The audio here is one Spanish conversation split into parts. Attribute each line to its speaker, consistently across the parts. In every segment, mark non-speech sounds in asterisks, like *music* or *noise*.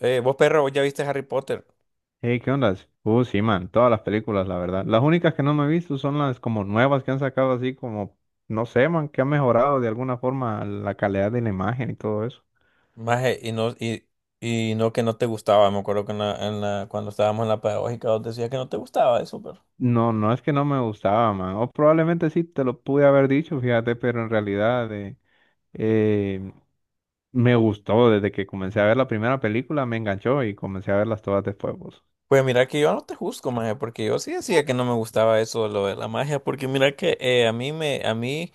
Speaker 1: Vos, perro, vos ya viste Harry Potter.
Speaker 2: Hey, ¿qué onda? Sí, man, todas las películas, la verdad. Las únicas que no me he visto son las como nuevas que han sacado así como, no sé, man, que han mejorado de alguna forma la calidad de la imagen y todo eso.
Speaker 1: Maje, y no que no te gustaba. Me acuerdo que cuando estábamos en la pedagógica vos decías que no te gustaba eso, perro.
Speaker 2: No, no es que no me gustaba, man. O probablemente sí te lo pude haber dicho, fíjate, pero en realidad eh, me gustó desde que comencé a ver la primera película, me enganchó y comencé a verlas todas después, vos.
Speaker 1: Pues mira que yo no te juzgo, maje, porque yo sí decía que no me gustaba eso, lo de la magia, porque mira que a mí,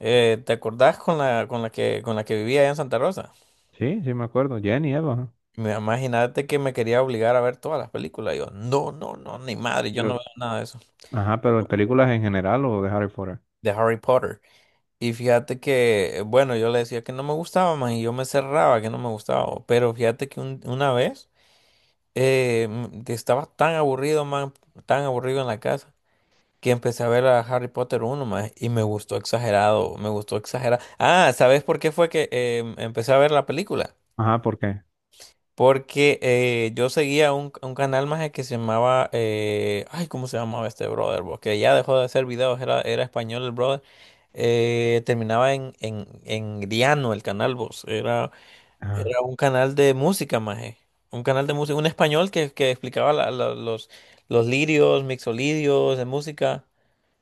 Speaker 1: ¿te acordás con la que vivía allá en Santa Rosa?
Speaker 2: Sí, sí me acuerdo, Jenny, Eva.
Speaker 1: Me imagínate que me quería obligar a ver todas las películas. Y yo, no, no, no, ni madre, yo no
Speaker 2: Pero...
Speaker 1: veo nada de eso.
Speaker 2: Ajá, pero en películas en general o de Harry Potter.
Speaker 1: De Harry Potter. Y fíjate que, bueno, yo le decía que no me gustaba más y yo me cerraba que no me gustaba. Pero fíjate que una vez que estaba tan aburrido, man, tan aburrido en la casa, que empecé a ver a Harry Potter uno más y me gustó exagerado, me gustó exagerado. Ah, ¿sabes por qué fue que empecé a ver la película?
Speaker 2: Ajá, ¿por qué?
Speaker 1: Porque yo seguía un canal más que se llamaba, ay, ¿cómo se llamaba este brother? Porque ya dejó de hacer videos, era español el brother. Terminaba en Griano el canal, vos. Era,
Speaker 2: Ajá.
Speaker 1: era un canal de música, maje. Un canal de música, un español que explicaba los lirios, mixolidios de música,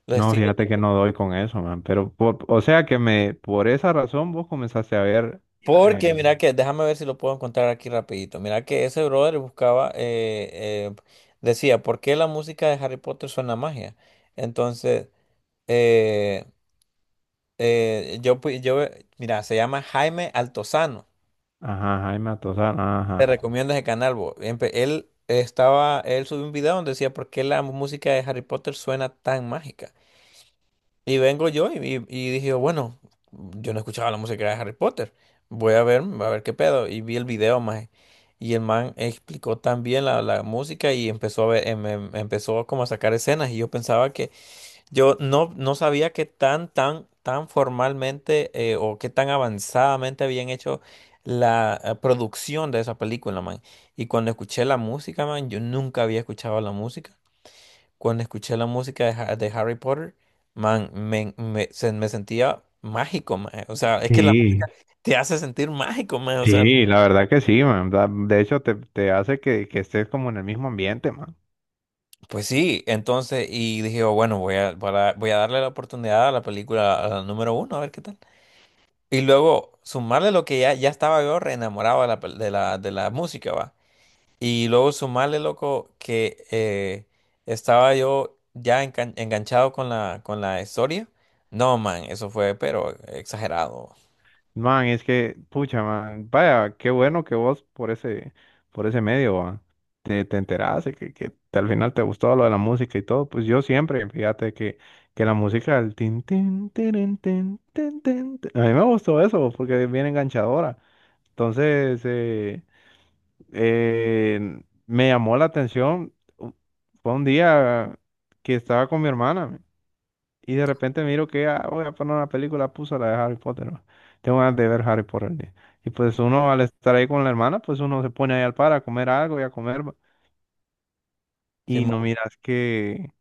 Speaker 1: los
Speaker 2: No,
Speaker 1: estilos.
Speaker 2: fíjate que no doy con eso, man. Pero, o sea que me, por esa razón vos comenzaste a ver, eh,
Speaker 1: Porque mira que, déjame ver si lo puedo encontrar aquí rapidito. Mira que ese brother buscaba, decía, ¿por qué la música de Harry Potter suena a magia? Entonces, eh, yo, mira, se llama Jaime Altozano.
Speaker 2: ajá, Jaime Atozán,
Speaker 1: Te
Speaker 2: ajá.
Speaker 1: recomiendo ese canal, bo. Él estaba, él subió un video donde decía, ¿por qué la música de Harry Potter suena tan mágica? Y vengo yo y dije, bueno, yo no escuchaba la música de Harry Potter. Voy a ver qué pedo. Y vi el video, maje. Y el man explicó también la música y empezó a ver, empezó como a sacar escenas. Y yo pensaba que, yo no, no sabía qué tan, tan, tan formalmente o qué tan avanzadamente habían hecho la producción de esa película, man. Y cuando escuché la música, man, yo nunca había escuchado la música. Cuando escuché la música de, de Harry Potter, man, me sentía mágico, mae. O sea, es que
Speaker 2: Sí,
Speaker 1: te hace sentir mágico, mae. O sea,
Speaker 2: sí, la verdad que sí, man. De hecho, te hace que estés como en el mismo ambiente, man.
Speaker 1: pues sí, entonces, y dije, "Oh, bueno, voy a, voy a darle la oportunidad a la película, a la número uno, a ver qué tal. Y luego sumarle lo que ya, ya estaba yo re enamorado de la, pel- de la música, va. Y luego sumarle, loco, que estaba yo ya enganchado con la historia. No, man, eso fue, pero exagerado.
Speaker 2: Man, es que, pucha, man, vaya, qué bueno que vos por ese medio, va. Te enteraste que, al final te gustó lo de la música y todo. Pues yo siempre, fíjate que la música, el tin, tin, tirin, tin, tin, tin, tin, a mí me gustó eso porque es bien enganchadora. Entonces, eh, me llamó la atención. Fue un día que estaba con mi hermana. Y de repente miro que ah, voy a poner una película, puso la de Harry Potter, ¿no? Tengo ganas de ver Harry Potter, ¿no? Y pues uno al estar ahí con la hermana, pues uno se pone ahí al par a comer algo y a comer, ¿va?
Speaker 1: Sí,
Speaker 2: Y no miras que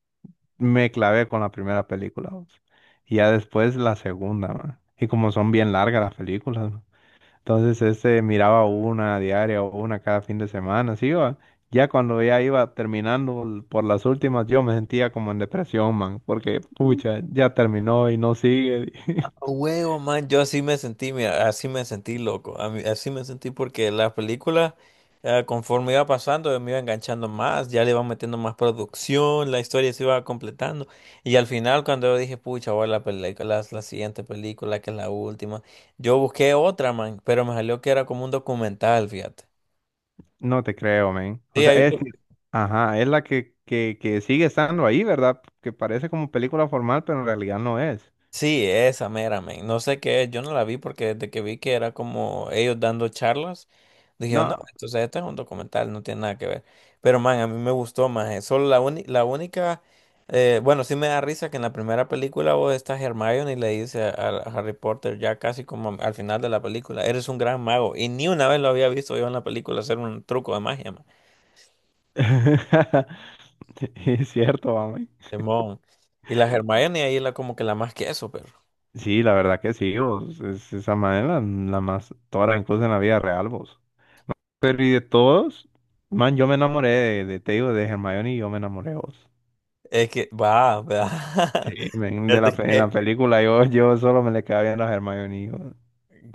Speaker 2: me clavé con la primera película, ¿va? Y ya después la segunda, man. Y como son bien largas las películas, ¿va? Entonces este miraba una diaria o una cada fin de semana, así va. Ya cuando ya iba terminando por las últimas, yo me sentía como en depresión, man, porque pucha, ya terminó y no sigue. *laughs*
Speaker 1: huevo, man, yo así me sentí, mira, así me sentí loco, así me sentí porque la película conforme iba pasando, me iba enganchando más, ya le iban metiendo más producción, la historia se iba completando, y al final cuando yo dije, pucha, voy a la película, la, siguiente película, que es la última, yo busqué otra, man, pero me salió que era como un documental, fíjate.
Speaker 2: No te creo, men. O
Speaker 1: Sí,
Speaker 2: sea,
Speaker 1: hay
Speaker 2: es,
Speaker 1: un.
Speaker 2: ajá, es la que, que sigue estando ahí, ¿verdad? Que parece como película formal, pero en realidad no es.
Speaker 1: Sí, esa mera, men. No sé qué es, yo no la vi porque desde que vi que era como ellos dando charlas, dije, no,
Speaker 2: No.
Speaker 1: entonces esto es un documental, no tiene nada que ver. Pero, man, a mí me gustó más. Solo la única, bueno, sí me da risa que en la primera película vos estás Hermione y le dice a Harry Potter ya casi como al final de la película, eres un gran mago. Y ni una vez lo había visto yo en la película hacer un truco de magia, man.
Speaker 2: *laughs* Es cierto, mami.
Speaker 1: Simón. Y la Hermione ahí la como que la más que eso, pero
Speaker 2: Sí, la verdad que sí, vos. Es esa manera la más tora, incluso en la vida real, vos. Pero y de todos, man, yo me enamoré de te digo, de Hermione y yo me enamoré de vos.
Speaker 1: es que va, va.
Speaker 2: Sí,
Speaker 1: *laughs*
Speaker 2: men,
Speaker 1: Es de
Speaker 2: en
Speaker 1: que.
Speaker 2: la película yo, yo solo me le quedaba viendo a Hermione. Y yo,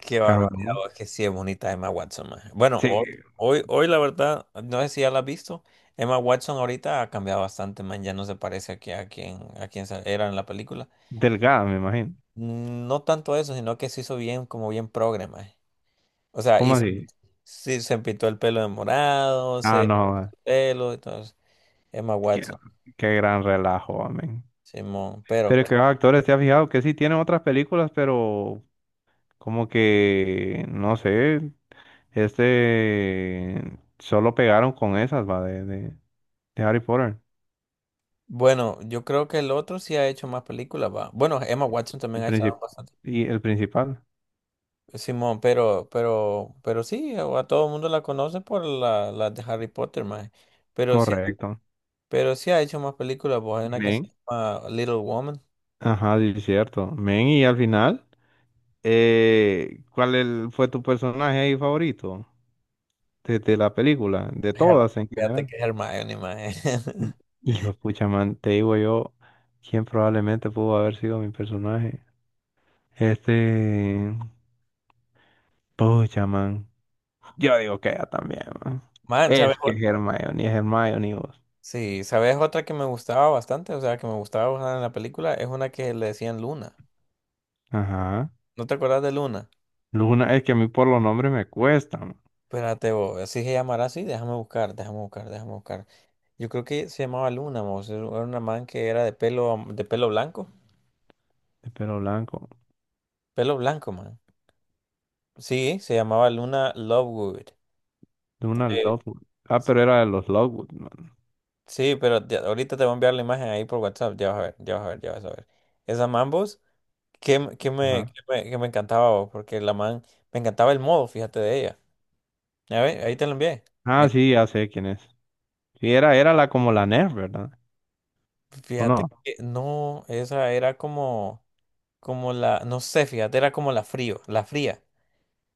Speaker 1: Qué barbaridad,
Speaker 2: cabrón.
Speaker 1: oh, es que sí es bonita Emma Watson, maje.
Speaker 2: Sí,
Speaker 1: Hoy la verdad, no sé si ya la has visto. Emma Watson ahorita ha cambiado bastante, man, ya no se parece aquí a quien era en la película.
Speaker 2: delgada, me imagino.
Speaker 1: Mm, no tanto eso, sino que se hizo bien, como bien progre, maje. O sea,
Speaker 2: ¿Cómo así?
Speaker 1: sí, se pintó el pelo de morado,
Speaker 2: Ah,
Speaker 1: se
Speaker 2: no, ah,
Speaker 1: pelo, y entonces, Emma
Speaker 2: qué,
Speaker 1: Watson,
Speaker 2: qué gran relajo, amén.
Speaker 1: Simón, pero
Speaker 2: Pero es que los actores, ¿te has fijado que sí tienen otras películas, pero como que, no sé, este, solo pegaron con esas, va, de Harry Potter,
Speaker 1: bueno, yo creo que el otro sí ha hecho más películas, va. Bueno, Emma Watson
Speaker 2: el
Speaker 1: también ha hecho
Speaker 2: princip-
Speaker 1: bastante.
Speaker 2: y el principal,
Speaker 1: Simón, pero sí, a todo el mundo la conoce por la de Harry Potter, más. Pero sí,
Speaker 2: correcto.
Speaker 1: pero sí ha hecho más películas, pues hay una que se
Speaker 2: Men.
Speaker 1: llama Little Woman.
Speaker 2: Ajá, sí, es cierto. Men, y al final, ¿cuál fue tu personaje ahí favorito de la película, de
Speaker 1: Her-
Speaker 2: todas en
Speaker 1: Fíjate
Speaker 2: general?
Speaker 1: que es Hermione, maje.
Speaker 2: Mm.
Speaker 1: *laughs*
Speaker 2: Hijo de pucha, man, te digo yo quién probablemente pudo haber sido mi personaje. Este, pucha, man. Yo digo que ella también, man.
Speaker 1: Man, ¿sabes?
Speaker 2: Es que Hermione, es Hermione vos.
Speaker 1: Sí, ¿sabes otra que me gustaba bastante? O sea, que me gustaba bastante en la película, es una que le decían Luna.
Speaker 2: Ajá.
Speaker 1: ¿No te acuerdas de Luna?
Speaker 2: Luna, es que a mí por los nombres me cuestan, man.
Speaker 1: Espérate, vos, así se llamará así, déjame buscar, déjame buscar, déjame buscar. Yo creo que se llamaba Luna, mos, era una man que era de pelo, de
Speaker 2: De pelo blanco.
Speaker 1: pelo blanco, man. Sí, se llamaba Luna Lovegood.
Speaker 2: Luna
Speaker 1: Eh,
Speaker 2: Lovegood. Ah, pero era de los Lovegood, man.
Speaker 1: sí, ahorita te voy a enviar la imagen ahí por WhatsApp. Ya vas a ver, ya vas a ver, ya vas a ver. Esa Mambos, que, me, que me, qué
Speaker 2: Ajá.
Speaker 1: me qué me encantaba, bo, porque la man, me encantaba el modo, fíjate de ella. A ver, ahí te la envié.
Speaker 2: Ah,
Speaker 1: Mira,
Speaker 2: sí, ya sé quién es. Sí, era, era la como la Nerf, ¿verdad? ¿O
Speaker 1: fíjate
Speaker 2: no?
Speaker 1: que no, esa era como, como la, no sé, fíjate, era como la frío, la fría.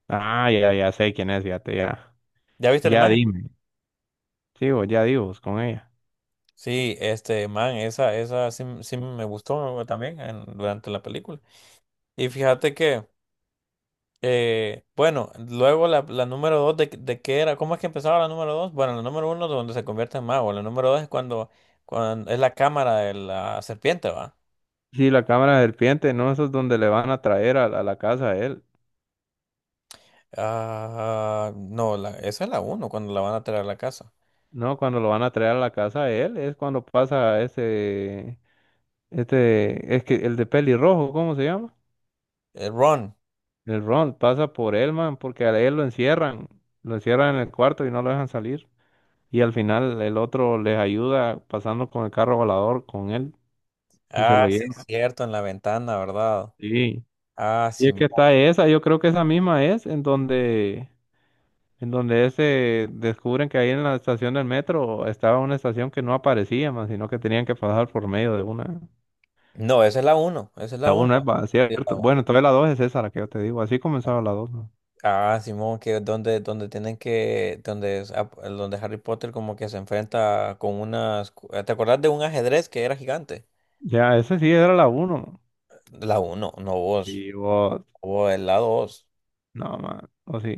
Speaker 2: Ah, ya, ya sé quién es, fíjate, ya.
Speaker 1: ¿Ya viste la
Speaker 2: Ya
Speaker 1: imagen?
Speaker 2: dime. Sí, vos, ya digo, vos, con ella.
Speaker 1: Sí, este man, esa sí, sí me gustó también durante la película. Y fíjate que. Bueno, luego la número dos de qué era, ¿cómo es que empezaba la número dos? Bueno, la número uno es donde se convierte en mago, la número dos es cuando, cuando es la cámara de la serpiente, ¿va?
Speaker 2: Sí, la cámara de serpiente, ¿no? Eso es donde le van a traer a la casa a él.
Speaker 1: Ah, no, la, esa es la uno, cuando la van a traer a la casa.
Speaker 2: No, cuando lo van a traer a la casa a él es cuando pasa ese, este, es que el de pelirrojo, ¿cómo se llama?
Speaker 1: Ron,
Speaker 2: El Ron pasa por él, man, porque a él lo encierran en el cuarto y no lo dejan salir. Y al final el otro les ayuda pasando con el carro volador con él y se
Speaker 1: ah,
Speaker 2: lo
Speaker 1: sí, es
Speaker 2: lleva.
Speaker 1: cierto, en la ventana, ¿verdad?
Speaker 2: Sí.
Speaker 1: Ah,
Speaker 2: Y
Speaker 1: sí.
Speaker 2: es que está esa, yo creo que esa misma es en donde se descubren que ahí en la estación del metro estaba una estación que no aparecía más, sino que tenían que pasar por medio de una.
Speaker 1: No, esa es la uno, esa es la
Speaker 2: La
Speaker 1: uno.
Speaker 2: una es cierto. Bueno, entonces la dos es esa la que yo te digo. Así comenzaba la dos, ¿no?
Speaker 1: Ah, Simón, que es donde, donde tienen que, donde, donde Harry Potter como que se enfrenta con unas, ¿te acordás de un ajedrez que era gigante?
Speaker 2: Ya, ese sí era la uno.
Speaker 1: La uno, no vos,
Speaker 2: Y vos,
Speaker 1: vos, es la dos.
Speaker 2: no, man. O sí.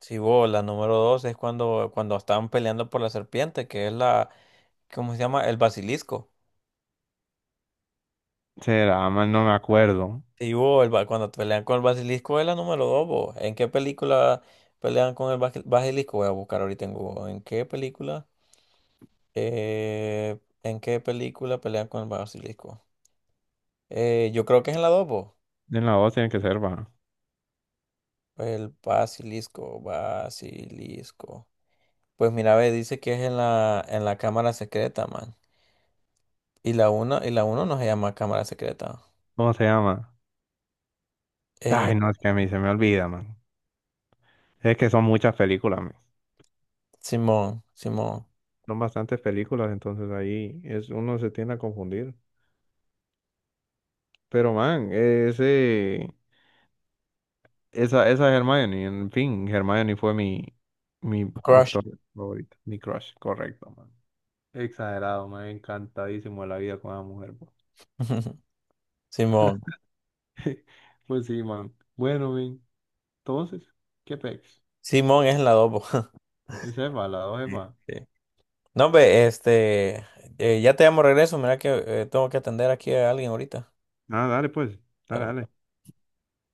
Speaker 1: Sí, vos, la número dos es cuando, cuando estaban peleando por la serpiente, que es la, ¿cómo se llama? El basilisco.
Speaker 2: Será, man, no me acuerdo.
Speaker 1: Sí, vos, cuando pelean con el basilisco es la número dos, vos. ¿En qué película pelean con el basilisco? Voy a buscar ahorita en Google. ¿En qué película? ¿En qué película pelean con el basilisco? Yo creo que es en la 2, po.
Speaker 2: En la dos tiene que ser, va.
Speaker 1: El basilisco, basilisco. Pues mira, ve, dice que es en la cámara secreta, man. Y la uno no se llama cámara secreta.
Speaker 2: ¿Cómo se llama?
Speaker 1: Eh,
Speaker 2: Ay, no, es que a mí se me olvida, man. Es que son muchas películas, man.
Speaker 1: Simón, Simón.
Speaker 2: Son bastantes películas, entonces ahí es, uno se tiende a confundir. Pero, man, ese. Esa Hermione, en fin, Hermione fue mi, mi actor
Speaker 1: Crush.
Speaker 2: favorito, mi crush, correcto, man. Exagerado, man, encantadísimo de la vida con esa mujer, po.
Speaker 1: *laughs* Simón.
Speaker 2: *laughs* Pues sí, man. Bueno, man, entonces, ¿qué pex?
Speaker 1: Simón es en la 2, po. *laughs*
Speaker 2: Yo sepa, la dos
Speaker 1: Sí,
Speaker 2: sepa.
Speaker 1: sí. No, ve, este, ya te llamo de regreso. Mira que tengo que atender aquí a alguien ahorita.
Speaker 2: Ah, dale, pues, dale,
Speaker 1: Claro.
Speaker 2: dale.